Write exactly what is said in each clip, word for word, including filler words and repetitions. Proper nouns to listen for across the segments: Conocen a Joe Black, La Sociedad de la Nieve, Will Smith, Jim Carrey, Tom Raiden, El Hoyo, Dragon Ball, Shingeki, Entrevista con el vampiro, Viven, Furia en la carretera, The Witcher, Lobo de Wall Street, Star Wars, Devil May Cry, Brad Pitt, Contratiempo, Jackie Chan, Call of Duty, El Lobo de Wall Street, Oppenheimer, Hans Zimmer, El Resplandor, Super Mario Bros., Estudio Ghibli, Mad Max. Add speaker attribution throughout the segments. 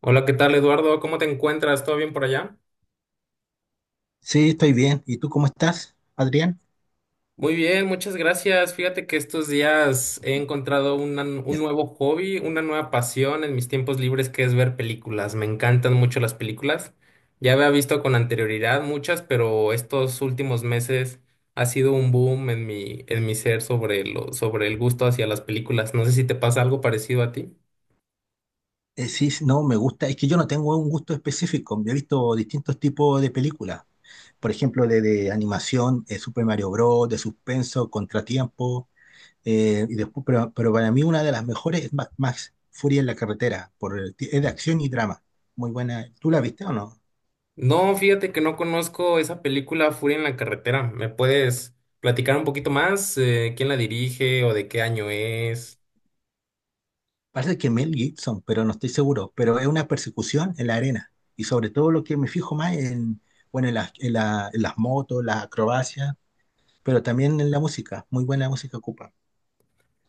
Speaker 1: Hola, ¿qué tal, Eduardo? ¿Cómo te encuentras? ¿Todo bien por allá?
Speaker 2: Sí, estoy bien. ¿Y tú cómo estás, Adrián?
Speaker 1: Muy bien, muchas gracias. Fíjate que estos días he encontrado una- un
Speaker 2: Ya.
Speaker 1: nuevo hobby, una nueva pasión en mis tiempos libres que es ver películas. Me encantan mucho las películas. Ya había visto con anterioridad muchas, pero estos últimos meses ha sido un boom en mi, en mi ser sobre lo, sobre el gusto hacia las películas. No sé si te pasa algo parecido a ti.
Speaker 2: Eh, sí, sí, no, me gusta. Es que yo no tengo un gusto específico. Yo he visto distintos tipos de películas. Por ejemplo, de, de animación, eh, Super Mario Bros., de suspenso, Contratiempo. eh, y después, pero, pero para mí una de las mejores es Mad Max, Furia en la carretera. Por el ti- es de acción y drama. Muy buena. ¿Tú la viste o no?
Speaker 1: No, fíjate que no conozco esa película Furia en la carretera. ¿Me puedes platicar un poquito más? Eh, ¿quién la dirige o de qué año es?
Speaker 2: Parece que Mel Gibson, pero no estoy seguro. Pero es una persecución en la arena. Y sobre todo lo que me fijo más en, bueno, en las, en la- en las motos, las acrobacias. Pero también en la música, muy buena música ocupa.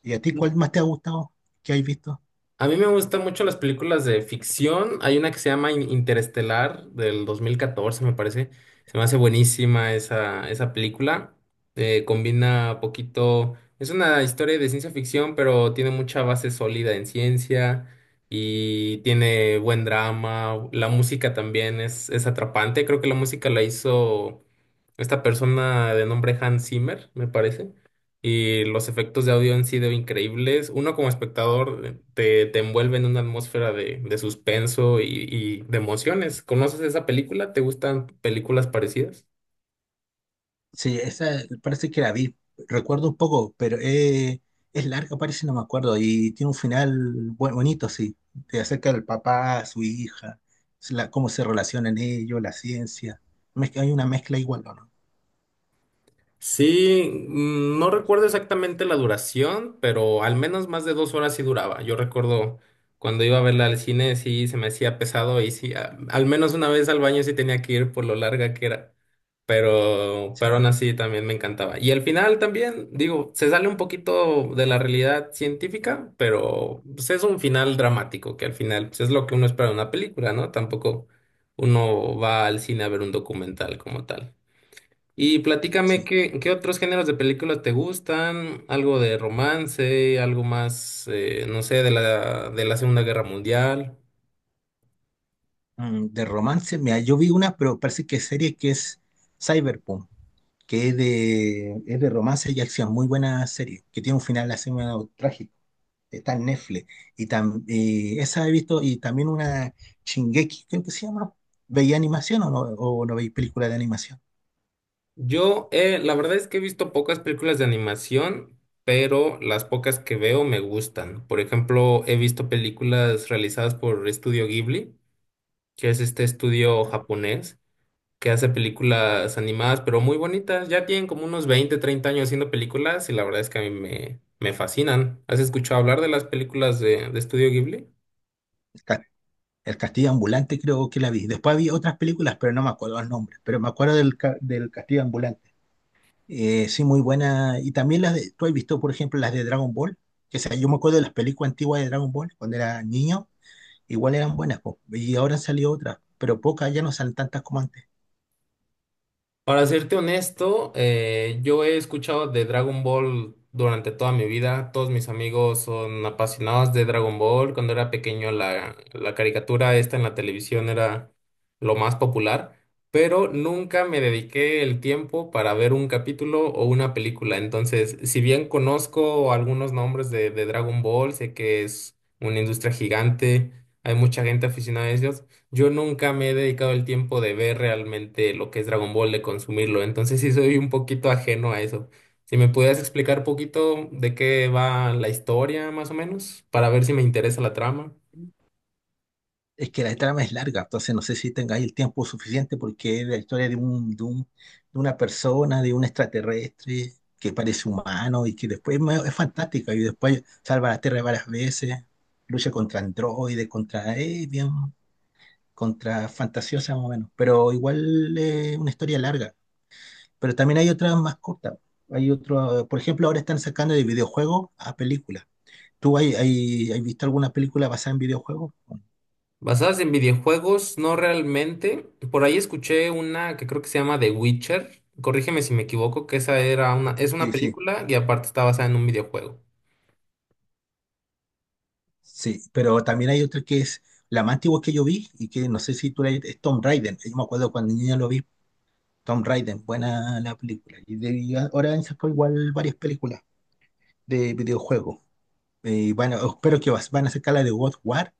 Speaker 2: ¿Y a ti cuál más te ha gustado que has visto?
Speaker 1: A mí me gustan mucho las películas de ficción. Hay una que se llama In- Interestelar del dos mil catorce, me parece. Se me hace buenísima esa, esa película. Eh, combina poquito. Es una historia de ciencia ficción, pero tiene mucha base sólida en ciencia y tiene buen drama. La música también es, es atrapante. Creo que la música la hizo esta persona de nombre Hans Zimmer, me parece. Y los efectos de audio han sido increíbles. Uno como espectador te, te envuelve en una atmósfera de, de suspenso y, y de emociones. ¿Conoces esa película? ¿Te gustan películas parecidas?
Speaker 2: Sí, esa parece que la vi, recuerdo un poco, pero eh, es larga, parece, no me acuerdo, y tiene un final bu- bonito, sí, te acerca del papá, a su hija, s- la- cómo se relacionan ellos, la ciencia, Mezcla- hay una mezcla igual, ¿o ¿no?
Speaker 1: Sí, mm, no recuerdo exactamente la duración, pero al menos más de dos horas sí duraba. Yo recuerdo cuando iba a verla al cine, sí se me hacía pesado y sí, a- al menos una vez al baño sí tenía que ir por lo larga que era. Pero,
Speaker 2: Sí,
Speaker 1: pero aún así también me encantaba. Y al final también, digo, se sale un poquito de la realidad científica, pero pues, es un final dramático, que al final pues, es lo que uno espera de una película, ¿no? Tampoco uno va al cine a ver un documental como tal. Y platícame
Speaker 2: sí.
Speaker 1: qué, qué otros géneros de películas te gustan, algo de romance, algo más, eh, no sé, de la, de la Segunda Guerra Mundial.
Speaker 2: Mm, de romance, mira, yo vi una, pero parece que es serie que es Cyberpunk, que es de, es de romance y acción, muy buena serie, que tiene un final así medio trágico. Está en Netflix. Y, tam- y esa he visto, y también una Shingeki, creo que se llama. ¿Veía animación o no, o no veis películas de animación?
Speaker 1: Yo, eh, la verdad es que he visto pocas películas de animación, pero las pocas que veo me gustan. Por ejemplo, he visto películas realizadas por Estudio Ghibli, que es este estudio japonés, que hace películas animadas, pero muy bonitas. Ya tienen como unos veinte treinta años haciendo películas y la verdad es que a mí me, me fascinan. ¿Has escuchado hablar de las películas de, de Estudio Ghibli?
Speaker 2: El, ca- el Castillo Ambulante creo que la vi. Después vi otras películas, pero no me acuerdo el nombre. Pero me acuerdo del, ca- del Castillo Ambulante. Eh, sí, muy buena. Y también las de, tú has visto, por ejemplo, las de Dragon Ball. Que sea, yo me acuerdo de las películas antiguas de Dragon Ball cuando era niño. Igual eran buenas, po. Y ahora han salido otras, pero pocas, ya no salen tantas como antes.
Speaker 1: Para serte honesto, eh, yo he escuchado de Dragon Ball durante toda mi vida. Todos mis amigos son apasionados de Dragon Ball. Cuando era pequeño, la, la caricatura esta en la televisión era lo más popular, pero nunca me dediqué el tiempo para ver un capítulo o una película. Entonces, si bien conozco algunos nombres de, de Dragon Ball, sé que es una industria gigante, hay mucha gente aficionada a ellos. Yo nunca me he dedicado el tiempo de ver realmente lo que es Dragon Ball, de consumirlo, entonces sí soy un poquito ajeno a eso. Si me pudieras explicar poquito de qué va la historia, más o menos, para ver si me interesa la trama.
Speaker 2: Es que la trama es larga, entonces no sé si tengáis el tiempo suficiente porque es la historia de un, de un- de una persona, de un extraterrestre que parece humano y que después me- es fantástica y después salva la Tierra varias veces, lucha contra androides, contra aliens, contra fantasiosa más o menos, pero igual es una historia larga. Pero también hay otras más cortas. Hay otro, por ejemplo, ahora están sacando de videojuegos a películas. ¿Tú hay, hay, has visto alguna película basada en videojuegos?
Speaker 1: Basadas en videojuegos, no realmente. Por ahí escuché una que creo que se llama The Witcher. Corrígeme si me equivoco, que esa era una, es una
Speaker 2: Sí, sí.
Speaker 1: película y aparte está basada en un videojuego.
Speaker 2: Sí, pero también hay otra que es la más antigua que yo vi y que no sé si tú la es Tom Raiden. Yo me acuerdo cuando niño lo vi, Tom Raiden, buena la película. Y, de, y ahora han sacado igual varias películas de videojuegos. Eh, bueno, espero que vas- van a sacar la de God of War.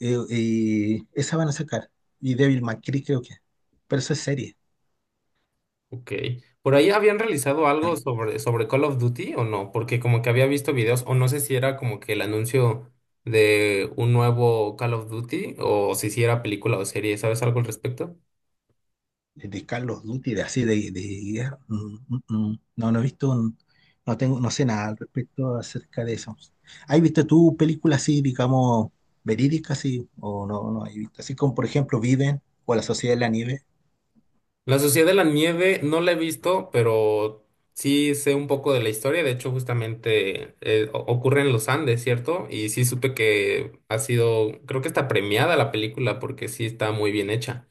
Speaker 2: eh, eh, Esa van a sacar. Y Devil May Cry creo que. Pero eso es serie.
Speaker 1: Ok. ¿Por ahí habían realizado algo
Speaker 2: Ah,
Speaker 1: sobre, sobre Call of Duty o no? Porque como que había visto videos, o no sé si era como que el anuncio de un nuevo Call of Duty, o si sí era película o serie, ¿sabes algo al respecto?
Speaker 2: de Carlos Duty, de así, de, de guerra, mm, mm, mm. no, no he visto, un- no tengo, no sé nada al respecto acerca de eso. ¿Has visto tú películas así, digamos, verídicas, así, o no, no has visto? Así como, por ejemplo, Viven o La Sociedad de la Nieve.
Speaker 1: La Sociedad de la Nieve no la he visto, pero sí sé un poco de la historia. De hecho, justamente eh, o- ocurre en los Andes, ¿cierto? Y sí supe que ha sido, creo que está premiada la película porque sí está muy bien hecha.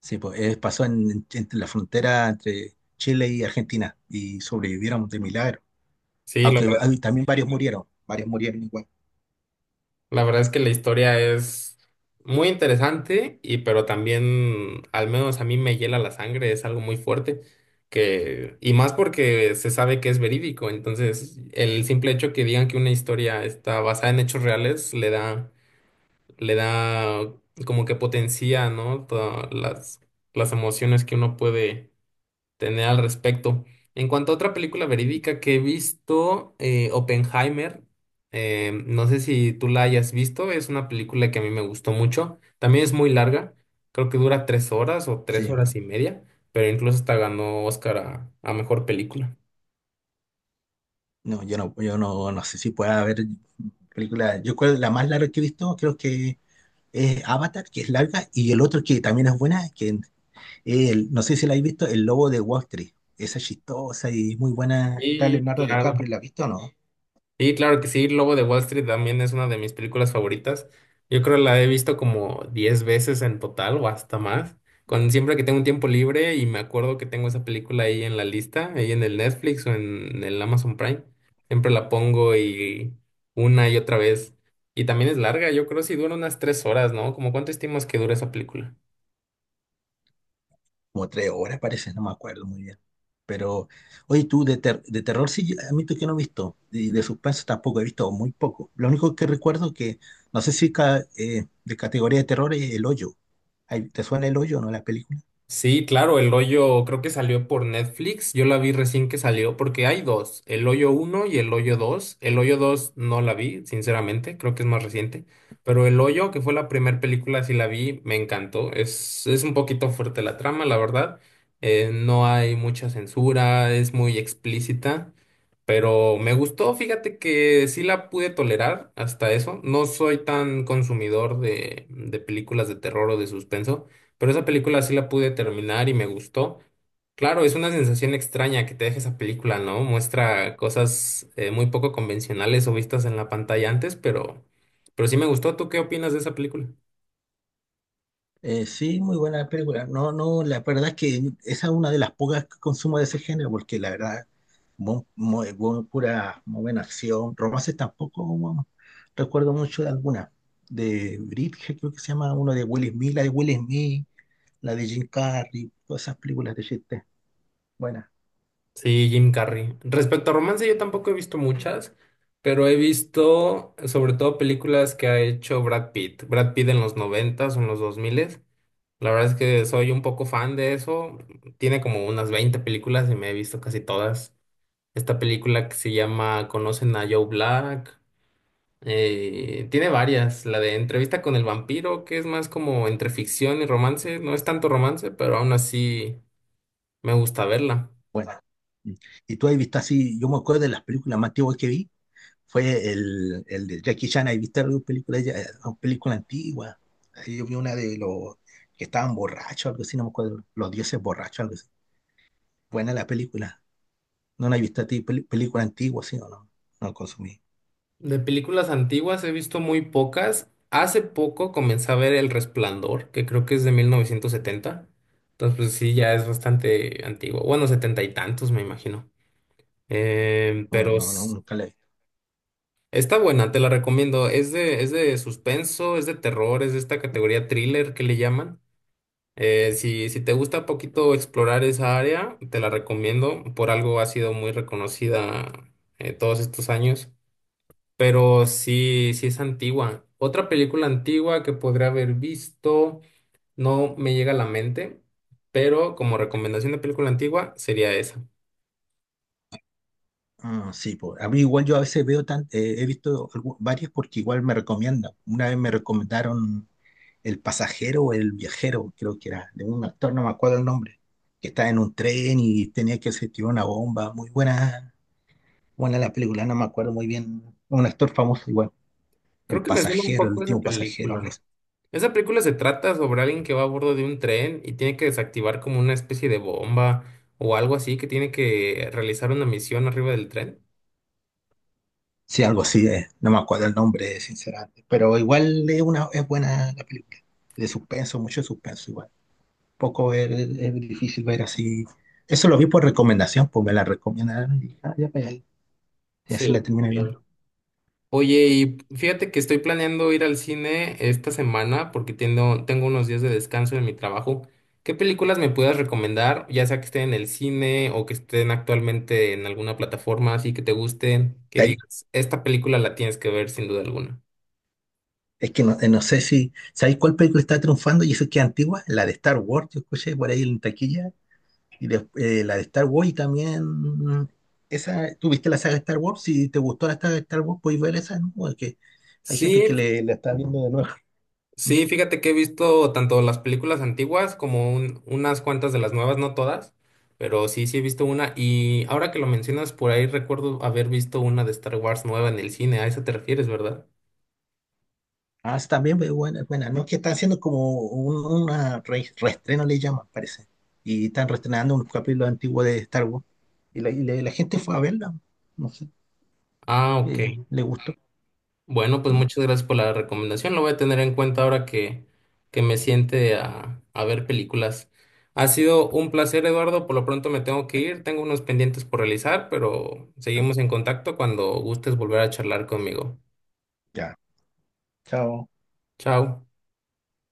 Speaker 2: Sí, pues eh, pasó en, en- entre la frontera entre Chile y Argentina y sobrevivieron de milagro.
Speaker 1: Sí, lo
Speaker 2: Aunque hay- también varios murieron, varios murieron igual.
Speaker 1: La verdad es que la historia es muy interesante y pero también, al menos a mí me hiela la sangre, es algo muy fuerte que y más porque se sabe que es verídico, entonces el simple hecho que digan que una historia está basada en hechos reales le da le da como que potencia, ¿no? Todas las las emociones que uno puede tener al respecto. En cuanto a otra película verídica que he visto, eh, Oppenheimer, eh, no sé si tú la hayas visto, es una película que a mí me gustó mucho, también es muy larga, creo que dura tres horas o tres
Speaker 2: Sí, bueno,
Speaker 1: horas y media, pero incluso hasta ganó Oscar a, a mejor película.
Speaker 2: no, yo no, yo no, no sé si pueda haber películas. Yo creo que la más larga que he visto, creo que es Avatar, que es larga, y el otro que también es buena, que es el- no sé si la habéis visto, El Lobo de Wall Street. Esa es chistosa y muy buena. Está
Speaker 1: Sí,
Speaker 2: Leonardo
Speaker 1: claro.
Speaker 2: DiCaprio, ¿la has visto o no?
Speaker 1: Sí, claro que sí, Lobo de Wall Street también es una de mis películas favoritas. Yo creo que la he visto como diez veces en total o hasta más. Con siempre que tengo un tiempo libre y me acuerdo que tengo esa película ahí en la lista, ahí en el Netflix o en el Amazon Prime, siempre la pongo y una y otra vez. Y también es larga, yo creo si dura unas tres horas, ¿no? ¿Cómo cuánto estimas que dura esa película?
Speaker 2: Como tres horas parece, no me acuerdo muy bien. Pero, oye, tú de, ter- de terror sí, yo admito que no he visto, y de suspenso tampoco he visto, muy poco. Lo único que recuerdo que, no sé si ca- eh, de categoría de terror es El Hoyo. Ay, ¿te suena El Hoyo, no, la película?
Speaker 1: Sí, claro, El Hoyo creo que salió por Netflix. Yo la vi recién que salió porque hay dos, El Hoyo uno y El Hoyo dos. El Hoyo dos no la vi, sinceramente, creo que es más reciente. Pero El Hoyo, que fue la primera película, sí la vi, me encantó. Es, es un poquito fuerte la trama, la verdad. Eh, no hay mucha censura, es muy explícita. Pero me gustó, fíjate que sí la pude tolerar hasta eso. No soy tan consumidor de, de películas de terror o de suspenso. Pero esa película sí la pude terminar y me gustó. Claro, es una sensación extraña que te deja esa película, ¿no? Muestra cosas eh, muy poco convencionales o vistas en la pantalla antes, pero, pero sí me gustó. ¿Tú qué opinas de esa película?
Speaker 2: Eh, sí, muy buena película. No, no, la verdad es que esa es una de las pocas que consumo de ese género, porque la verdad muy, muy- muy pura, muy buena acción. Romances tampoco bueno, recuerdo mucho de alguna. De Bridget, creo que se llama, uno de Will Smith, la de Will Smith, la de Jim Carrey, todas esas películas de chiste. Buena,
Speaker 1: Sí, Jim Carrey. Respecto a romance, yo tampoco he visto muchas, pero he visto sobre todo películas que ha hecho Brad Pitt. Brad Pitt en los noventas o en los dos miles. La verdad es que soy un poco fan de eso. Tiene como unas veinte películas y me he visto casi todas. Esta película que se llama Conocen a Joe Black, eh, tiene varias. La de Entrevista con el vampiro, que es más como entre ficción y romance. No es tanto romance, pero aún así me gusta verla.
Speaker 2: buena. Mm. Y tú ahí viste así, yo me acuerdo de las películas más antiguas que vi, fue el, el de Jackie Chan, ahí viste alguna película, ya- eh, una película antigua. Ahí yo vi una de los que estaban borrachos, algo así, no me acuerdo, los dioses borrachos, algo así. Buena la película. ¿No la has visto a ti? Pel- ¿Película antigua, sí o no? No consumí.
Speaker 1: De películas antiguas he visto muy pocas. Hace poco comencé a ver El Resplandor, que creo que es de mil novecientos setenta. Entonces, pues sí, ya es bastante antiguo. Bueno, setenta y tantos, me imagino. Em,
Speaker 2: No,
Speaker 1: pero
Speaker 2: no, no,
Speaker 1: s-
Speaker 2: nunca la he visto.
Speaker 1: Está buena, te la recomiendo. Es de, es de suspenso, es de terror, es de esta categoría thriller que le llaman. Eh, si, si te gusta poquito explorar esa área, te la recomiendo. Por algo ha sido muy reconocida eh, todos estos años. Pero sí, sí es antigua. Otra película antigua que podría haber visto, no me llega a la mente, pero como recomendación de película antigua sería esa.
Speaker 2: Ah, sí, pues. A mí igual yo a veces veo tan, eh, he visto algu- varias porque igual me recomiendan. Una vez me recomendaron El pasajero o El viajero, creo que era, de un actor, no me acuerdo el nombre, que estaba en un tren y tenía que se tiró una bomba. Muy buena, buena la película, no me acuerdo muy bien. Un actor famoso igual,
Speaker 1: Creo
Speaker 2: El
Speaker 1: que me suena un
Speaker 2: pasajero, El
Speaker 1: poco esa
Speaker 2: último pasajero, algo.
Speaker 1: película. Esa película se trata sobre alguien que va a bordo de un tren y tiene que desactivar como una especie de bomba o algo así, que tiene que realizar una misión arriba del tren.
Speaker 2: Sí, algo así es. No me acuerdo el nombre, sinceramente. Pero igual es una, es buena la película. De suspenso, mucho suspenso igual. Poco es, es difícil ver así. Eso lo vi por recomendación, pues me la recomendaron y ah, ya, pues, ahí. Y así la
Speaker 1: Sí,
Speaker 2: terminé
Speaker 1: claro.
Speaker 2: viendo.
Speaker 1: Oye, y fíjate que estoy planeando ir al cine esta semana porque tengo, tengo unos días de descanso en mi trabajo. ¿Qué películas me puedas recomendar? Ya sea que estén en el cine o que estén actualmente en alguna plataforma así que te gusten, que
Speaker 2: Ahí-
Speaker 1: digas, esta película la tienes que ver sin duda alguna.
Speaker 2: Es que no, eh, no sé si. ¿Sabéis cuál película está triunfando? Y eso que es antigua, la de Star Wars, yo escuché por ahí en taquilla. Y des- eh, la de Star Wars y también. Esa, ¿tú viste la saga de Star Wars? Si te gustó la saga de Star Wars, podéis ver esa, ¿no? Porque hay gente que
Speaker 1: Sí.
Speaker 2: le, la está viendo de nuevo. ¿No?
Speaker 1: Sí, fíjate que he visto tanto las películas antiguas como un- unas cuantas de las nuevas, no todas, pero sí, sí he visto una. Y ahora que lo mencionas, por ahí recuerdo haber visto una de Star Wars nueva en el cine. A eso te refieres, ¿verdad?
Speaker 2: Ah, sí, también es buena, buena. No, es que están haciendo como un, una re- reestreno, le llaman, parece. Y están reestrenando unos capítulos antiguos de Star Wars. Y la, y la- la gente fue a verla. No sé,
Speaker 1: Ah, ok.
Speaker 2: eh, le gustó.
Speaker 1: Bueno, pues
Speaker 2: Mm.
Speaker 1: muchas gracias por la recomendación. Lo voy a tener en cuenta ahora que, que me siente a, a ver películas. Ha sido un placer, Eduardo. Por lo pronto me tengo que ir. Tengo unos pendientes por realizar, pero seguimos en contacto cuando gustes volver a charlar conmigo.
Speaker 2: Ya, chao.
Speaker 1: Chao.